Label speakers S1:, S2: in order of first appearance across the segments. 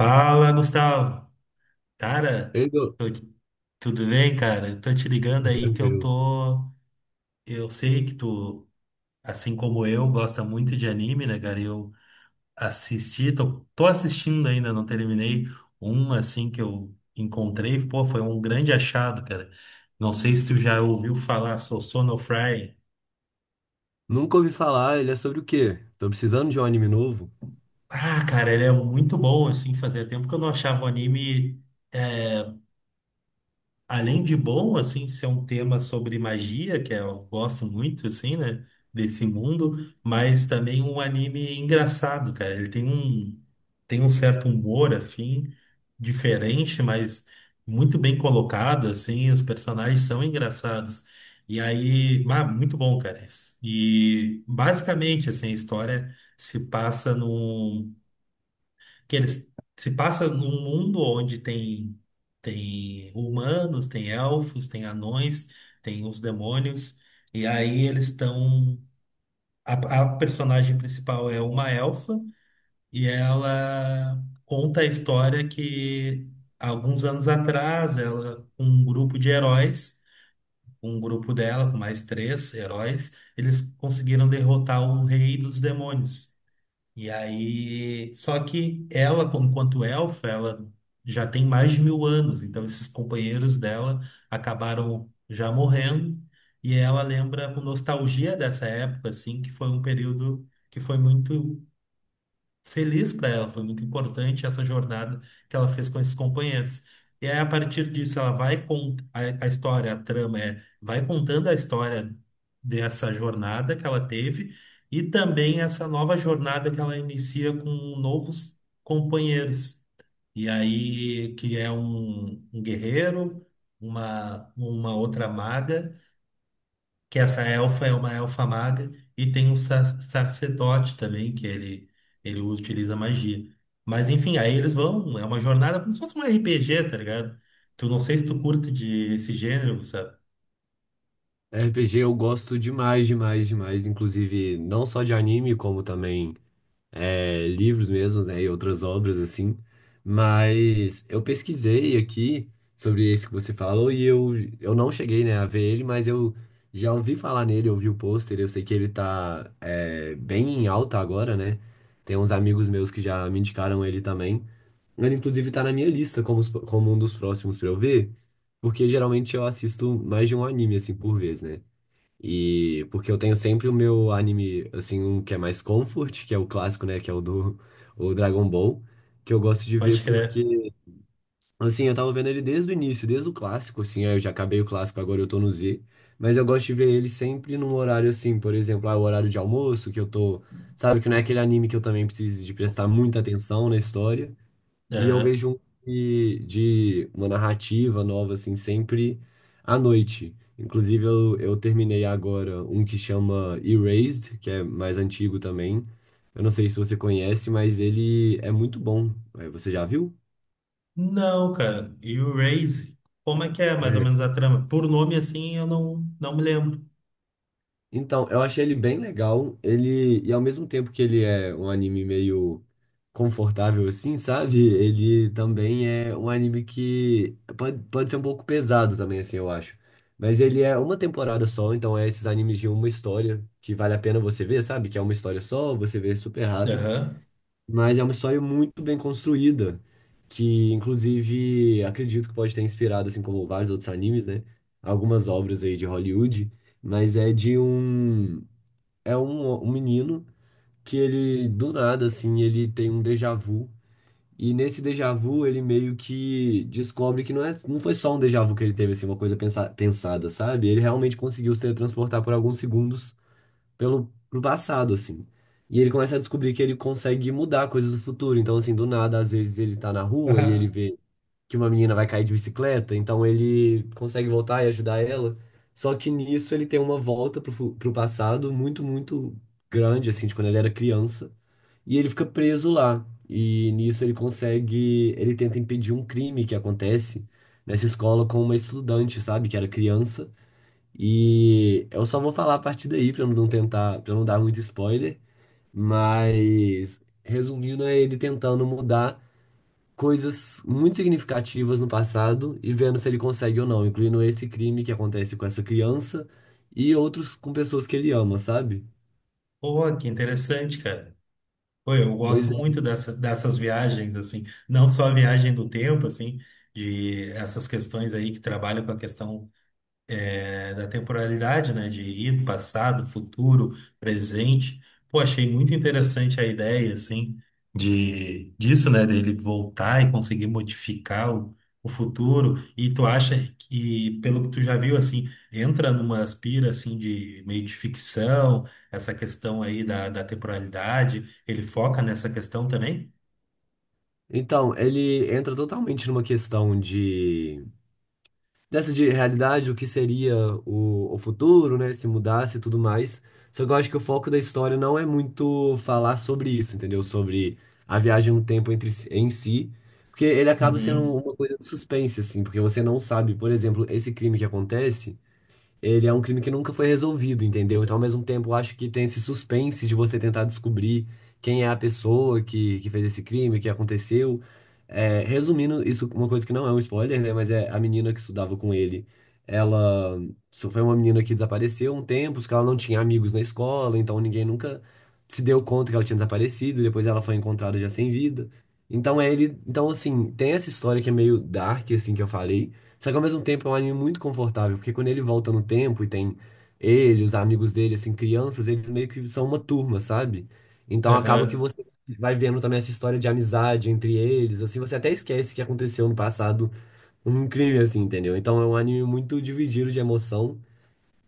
S1: Fala, Gustavo. Cara,
S2: Ele não-
S1: tô- tudo bem, cara? Eu Tô te ligando aí que eu
S2: Tranquilo.
S1: tô. Eu sei que tu, assim como eu, gosta muito de anime, né, cara? Eu assisti, tô assistindo ainda, não terminei um assim que eu encontrei. Pô, foi um grande achado, cara. Não sei se tu já ouviu falar, sou Sonofry.
S2: Nunca ouvi falar, ele é sobre o quê? Tô precisando de um anime novo.
S1: Ah, cara, ele é muito bom, assim, fazia tempo que eu não achava um anime. é, Além de bom, assim, ser um tema sobre magia, que é, eu gosto muito, assim, né? Desse mundo, mas também um anime engraçado, cara. Tem um certo humor, assim, diferente, mas muito bem colocado, assim. Os personagens são engraçados. E aí, ah, muito bom, cara. Isso. E basicamente, assim, a história se passa num que eles se passa num mundo onde tem humanos, tem elfos, tem anões, tem os demônios, e aí eles estão a personagem principal é uma elfa e ela conta a história que alguns anos atrás ela com um grupo de heróis. Um grupo dela, com mais três heróis, eles conseguiram derrotar o rei dos demônios. E aí, só que ela, enquanto elfa, ela já tem mais de 1000 anos, então esses companheiros dela acabaram já morrendo, e ela lembra com nostalgia dessa época, assim, que foi um período que foi muito feliz para ela, foi muito importante essa jornada que ela fez com esses companheiros. E aí, a partir disso, ela vai com a história, a trama é, vai contando a história dessa jornada que ela teve e também essa nova jornada que ela inicia com novos companheiros. E aí, que é um, um guerreiro, uma outra maga, que essa elfa é uma elfa maga, e tem um sacerdote também, ele utiliza magia. Mas enfim, aí eles vão, é uma jornada como se fosse um RPG, tá ligado? Tu não sei se tu curte de esse gênero, sabe?
S2: RPG eu gosto demais, demais, demais. Inclusive, não só de anime, como também livros mesmos, né? E outras obras, assim. Mas eu pesquisei aqui sobre esse que você falou eu não cheguei, né, a ver ele, mas eu já ouvi falar nele, eu vi o pôster, eu sei que ele tá bem em alta agora, né? Tem uns amigos meus que já me indicaram ele também. Ele, inclusive, tá na minha lista como, como um dos próximos pra eu ver, porque geralmente eu assisto mais de um anime, assim, por vez, né? E porque eu tenho sempre o meu anime, assim, um que é mais comfort, que é o clássico, né? Que é o do o Dragon Ball, que eu gosto de
S1: Pode
S2: ver
S1: crer.
S2: porque, assim, eu tava vendo ele desde o início, desde o clássico, assim, aí eu já acabei o clássico, agora eu tô no Z. Mas eu gosto de ver ele sempre num horário, assim, por exemplo, ah, o horário de almoço, que eu tô. Sabe, que não é aquele anime que eu também preciso de prestar muita atenção na história. E eu
S1: É,
S2: vejo um de uma narrativa nova, assim, sempre à noite. Inclusive, eu terminei agora um que chama Erased, que é mais antigo também. Eu não sei se você conhece, mas ele é muito bom. Você já viu?
S1: não, cara. E o Raze, como é que é mais ou menos a trama? Por nome assim, eu não, não me lembro.
S2: Então, eu achei ele bem legal. Ele, e ao mesmo tempo que ele é um anime meio confortável assim, sabe? Ele também é um anime que pode ser um pouco pesado também assim, eu acho. Mas ele é uma temporada só, então é esses animes de uma história que vale a pena você ver, sabe? Que é uma história só, você vê super rápido.
S1: Aham.
S2: Mas é uma história muito bem construída, que inclusive acredito que pode ter inspirado, assim como vários outros animes, né? Algumas obras aí de Hollywood, mas é de um é um, um menino que ele do nada assim, ele tem um déjà vu e nesse déjà vu ele meio que descobre que não é não foi só um déjà vu que ele teve assim, uma coisa pensada, sabe? Ele realmente conseguiu se transportar por alguns segundos pelo pro passado, assim. E ele começa a descobrir que ele consegue mudar coisas do futuro. Então, assim, do nada, às vezes ele tá na rua e ele
S1: Aham.
S2: vê que uma menina vai cair de bicicleta, então ele consegue voltar e ajudar ela. Só que nisso ele tem uma volta pro passado muito, muito grande, assim, de quando ele era criança. E ele fica preso lá. E nisso ele consegue. Ele tenta impedir um crime que acontece nessa escola com uma estudante, sabe? Que era criança. E eu só vou falar a partir daí pra não tentar, para não dar muito spoiler, mas resumindo é ele tentando mudar coisas muito significativas no passado e vendo se ele consegue ou não, incluindo esse crime que acontece com essa criança e outros com pessoas que ele ama, sabe?
S1: Pô, que interessante, cara. Pô, eu
S2: Pois
S1: gosto
S2: é.
S1: muito dessa, dessas viagens, assim, não só a viagem do tempo, assim, de essas questões aí que trabalham com a questão da temporalidade, né? De ir, passado, futuro, presente. Pô, achei muito interessante a ideia, assim, de, disso, né? Dele voltar e conseguir modificar o futuro. E tu acha que, pelo que tu já viu, assim, entra numa aspira, assim, de meio de ficção, essa questão aí da, da temporalidade, ele foca nessa questão também?
S2: Então, ele entra totalmente numa questão de dessa de realidade, o que seria o futuro, né? Se mudasse e tudo mais. Só que eu acho que o foco da história não é muito falar sobre isso, entendeu? Sobre a viagem no tempo em si. Porque ele acaba sendo
S1: Uhum.
S2: uma coisa de suspense, assim, porque você não sabe, por exemplo, esse crime que acontece ele é um crime que nunca foi resolvido, entendeu? Então, ao mesmo tempo, eu acho que tem esse suspense de você tentar descobrir quem é a pessoa que fez esse crime, o que aconteceu. É, resumindo, isso é uma coisa que não é um spoiler, né? Mas é a menina que estudava com ele. Ela Isso foi uma menina que desapareceu um tempo, porque ela não tinha amigos na escola, então ninguém nunca se deu conta que ela tinha desaparecido. Depois ela foi encontrada já sem vida. Então, é ele, então assim, tem essa história que é meio dark, assim, que eu falei. Só que ao mesmo tempo é um anime muito confortável, porque quando ele volta no tempo e tem ele, os amigos dele, assim, crianças, eles meio que são uma turma, sabe? Então acaba que
S1: Aham.
S2: você vai vendo também essa história de amizade entre eles, assim, você até esquece que aconteceu no passado um crime, assim, entendeu? Então é um anime muito dividido de emoção,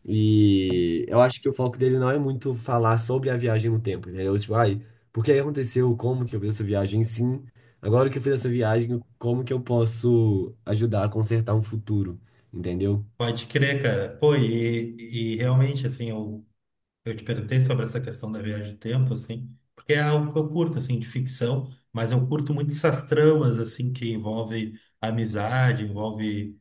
S2: e eu acho que o foco dele não é muito falar sobre a viagem no tempo, entendeu? Tipo, ai, por que aconteceu? Como que eu fiz essa viagem? Sim, agora que eu fiz essa viagem, como que eu posso ajudar a consertar um futuro, entendeu?
S1: Pode crer, cara. Pô, e realmente, assim, eu te perguntei sobre essa questão da viagem do tempo, assim, porque é algo que eu curto, assim, de ficção, mas eu curto muito essas tramas, assim, que envolve amizade, envolve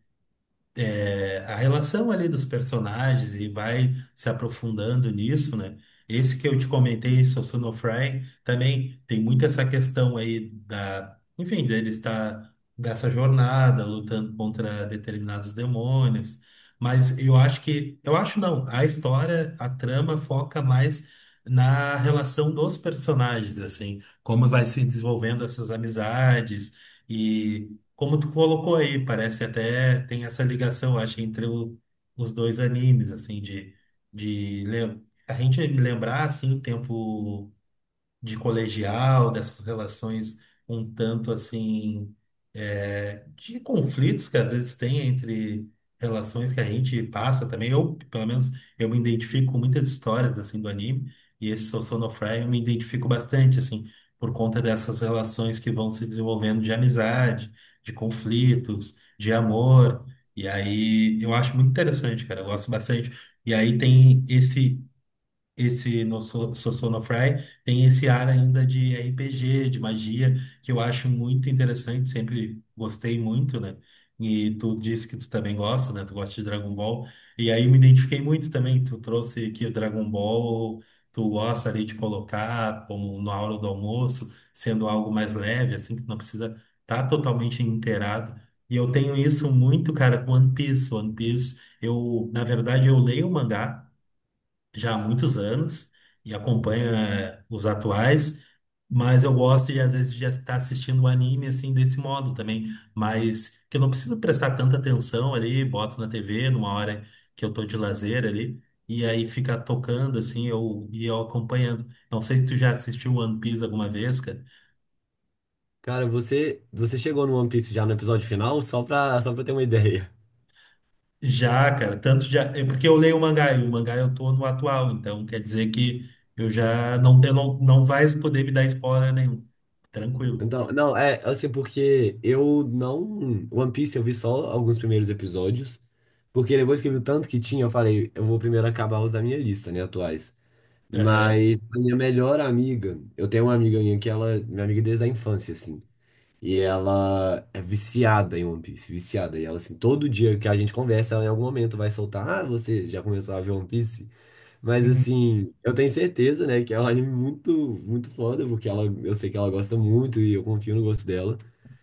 S1: a relação ali dos personagens e vai se aprofundando nisso, né? Esse que eu te comentei, Sosuno Fry, também tem muito essa questão aí da, enfim, dele estar dessa jornada lutando contra determinados demônios. Mas eu acho que, eu acho não, a história, a trama foca mais na relação dos personagens, assim, como vai se desenvolvendo essas amizades, como tu colocou aí, parece até tem essa ligação, acho, entre os dois animes, assim, de a gente lembrar, assim, o tempo de colegial, dessas relações um tanto assim, de conflitos que às vezes tem entre relações que a gente passa também. Eu, pelo menos, eu me identifico com muitas histórias assim do anime, e esse Sou Sonofre eu me identifico bastante, assim, por conta dessas relações que vão se desenvolvendo de amizade, de conflitos, de amor. E aí, eu acho muito interessante, cara. Eu gosto bastante. E aí tem esse esse no So- Sossonofrei tem esse ar ainda de RPG, de magia, que eu acho muito interessante, sempre gostei muito, né? E tu disse que tu também gosta, né? Tu gosta de Dragon Ball. E aí me identifiquei muito também. Tu trouxe aqui o Dragon Ball, tu gosta ali de colocar como na hora do almoço, sendo algo mais leve, assim, que não precisa estar totalmente inteirado. E eu tenho isso muito, cara, com One Piece. One Piece, eu, na verdade, eu leio o mangá já há muitos anos e
S2: Uhum.
S1: acompanho os atuais, mas eu gosto de às vezes já estar assistindo o anime assim desse modo também, mas que eu não preciso prestar tanta atenção ali, boto na TV numa hora que eu tô de lazer ali e aí fica tocando assim, eu acompanhando. Não sei se tu já assistiu One Piece alguma vez, cara.
S2: Cara, você chegou no One Piece já no episódio final, só só pra ter uma ideia.
S1: Já, cara, tanto já, é porque eu leio o mangá e o mangá eu tô no atual, então quer dizer que eu não, não vai poder me dar spoiler nenhum. Tranquilo.
S2: Então, não, é assim, porque eu não. One Piece eu vi só alguns primeiros episódios, porque depois que eu vi o tanto que tinha, eu falei, eu vou primeiro acabar os da minha lista, né, atuais.
S1: Aham.
S2: Mas a minha melhor amiga, eu tenho uma amiga minha que ela, minha amiga desde a infância, assim. E ela é viciada em One Piece, viciada. E ela, assim, todo dia que a gente conversa, ela em algum momento vai soltar: Ah, você já começou a ver One Piece? Mas
S1: Uhum.
S2: assim, eu tenho certeza, né, que é um anime muito, muito foda, porque ela, eu sei que ela gosta muito e eu confio no gosto dela.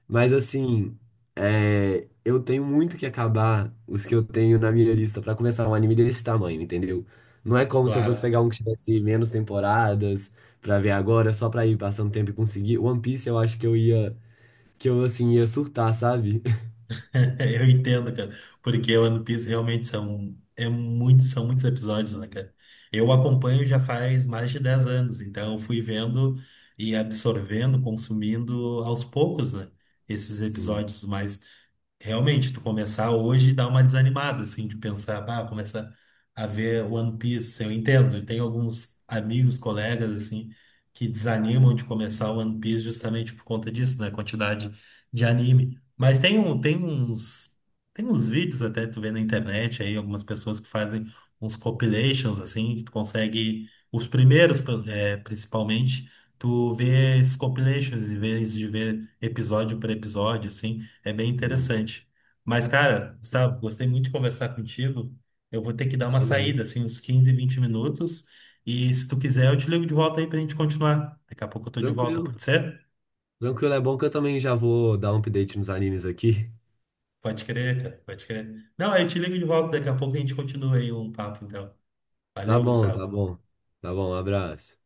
S2: Mas assim, é, eu tenho muito que acabar os que eu tenho na minha lista pra começar um anime desse tamanho, entendeu? Não é como se eu fosse
S1: Claro,
S2: pegar um que tivesse menos temporadas pra ver agora, só pra ir passando tempo e conseguir. One Piece eu acho que eu ia, que eu assim ia surtar, sabe?
S1: eu entendo, cara, porque o One Piece realmente é muito, são muitos episódios, né, cara? Eu acompanho já faz mais de 10 anos, então eu fui vendo e absorvendo, consumindo aos poucos, né, esses
S2: Sim,
S1: episódios mais. Realmente, tu começar hoje dá uma desanimada, assim, de pensar, ah, começa a ver One Piece. Eu entendo, eu tenho alguns amigos, colegas, assim, que desanimam de começar One Piece justamente por conta disso, né? Quantidade de anime. Mas tem uns vídeos até tu vê na internet aí, algumas pessoas que fazem uns compilations, assim, que tu consegue, os primeiros, principalmente, tu vê esses compilations, em vez de ver episódio por episódio, assim. É bem
S2: sim,
S1: interessante. Mas, cara, sabe? Gostei muito de conversar contigo. Eu vou ter que dar uma
S2: também.
S1: saída, assim, uns 15, 20 minutos. E se tu quiser, eu te ligo de volta aí pra gente continuar. Daqui a pouco eu tô de volta,
S2: Tranquilo.
S1: pode ser?
S2: Tranquilo, é bom que eu também já vou dar um update nos animes aqui.
S1: Pode crer, cara, pode crer. Não, aí eu te ligo de volta, daqui a pouco a gente continua aí um papo, então.
S2: Tá
S1: Valeu,
S2: bom, tá
S1: Gustavo.
S2: bom. Tá bom, um abraço.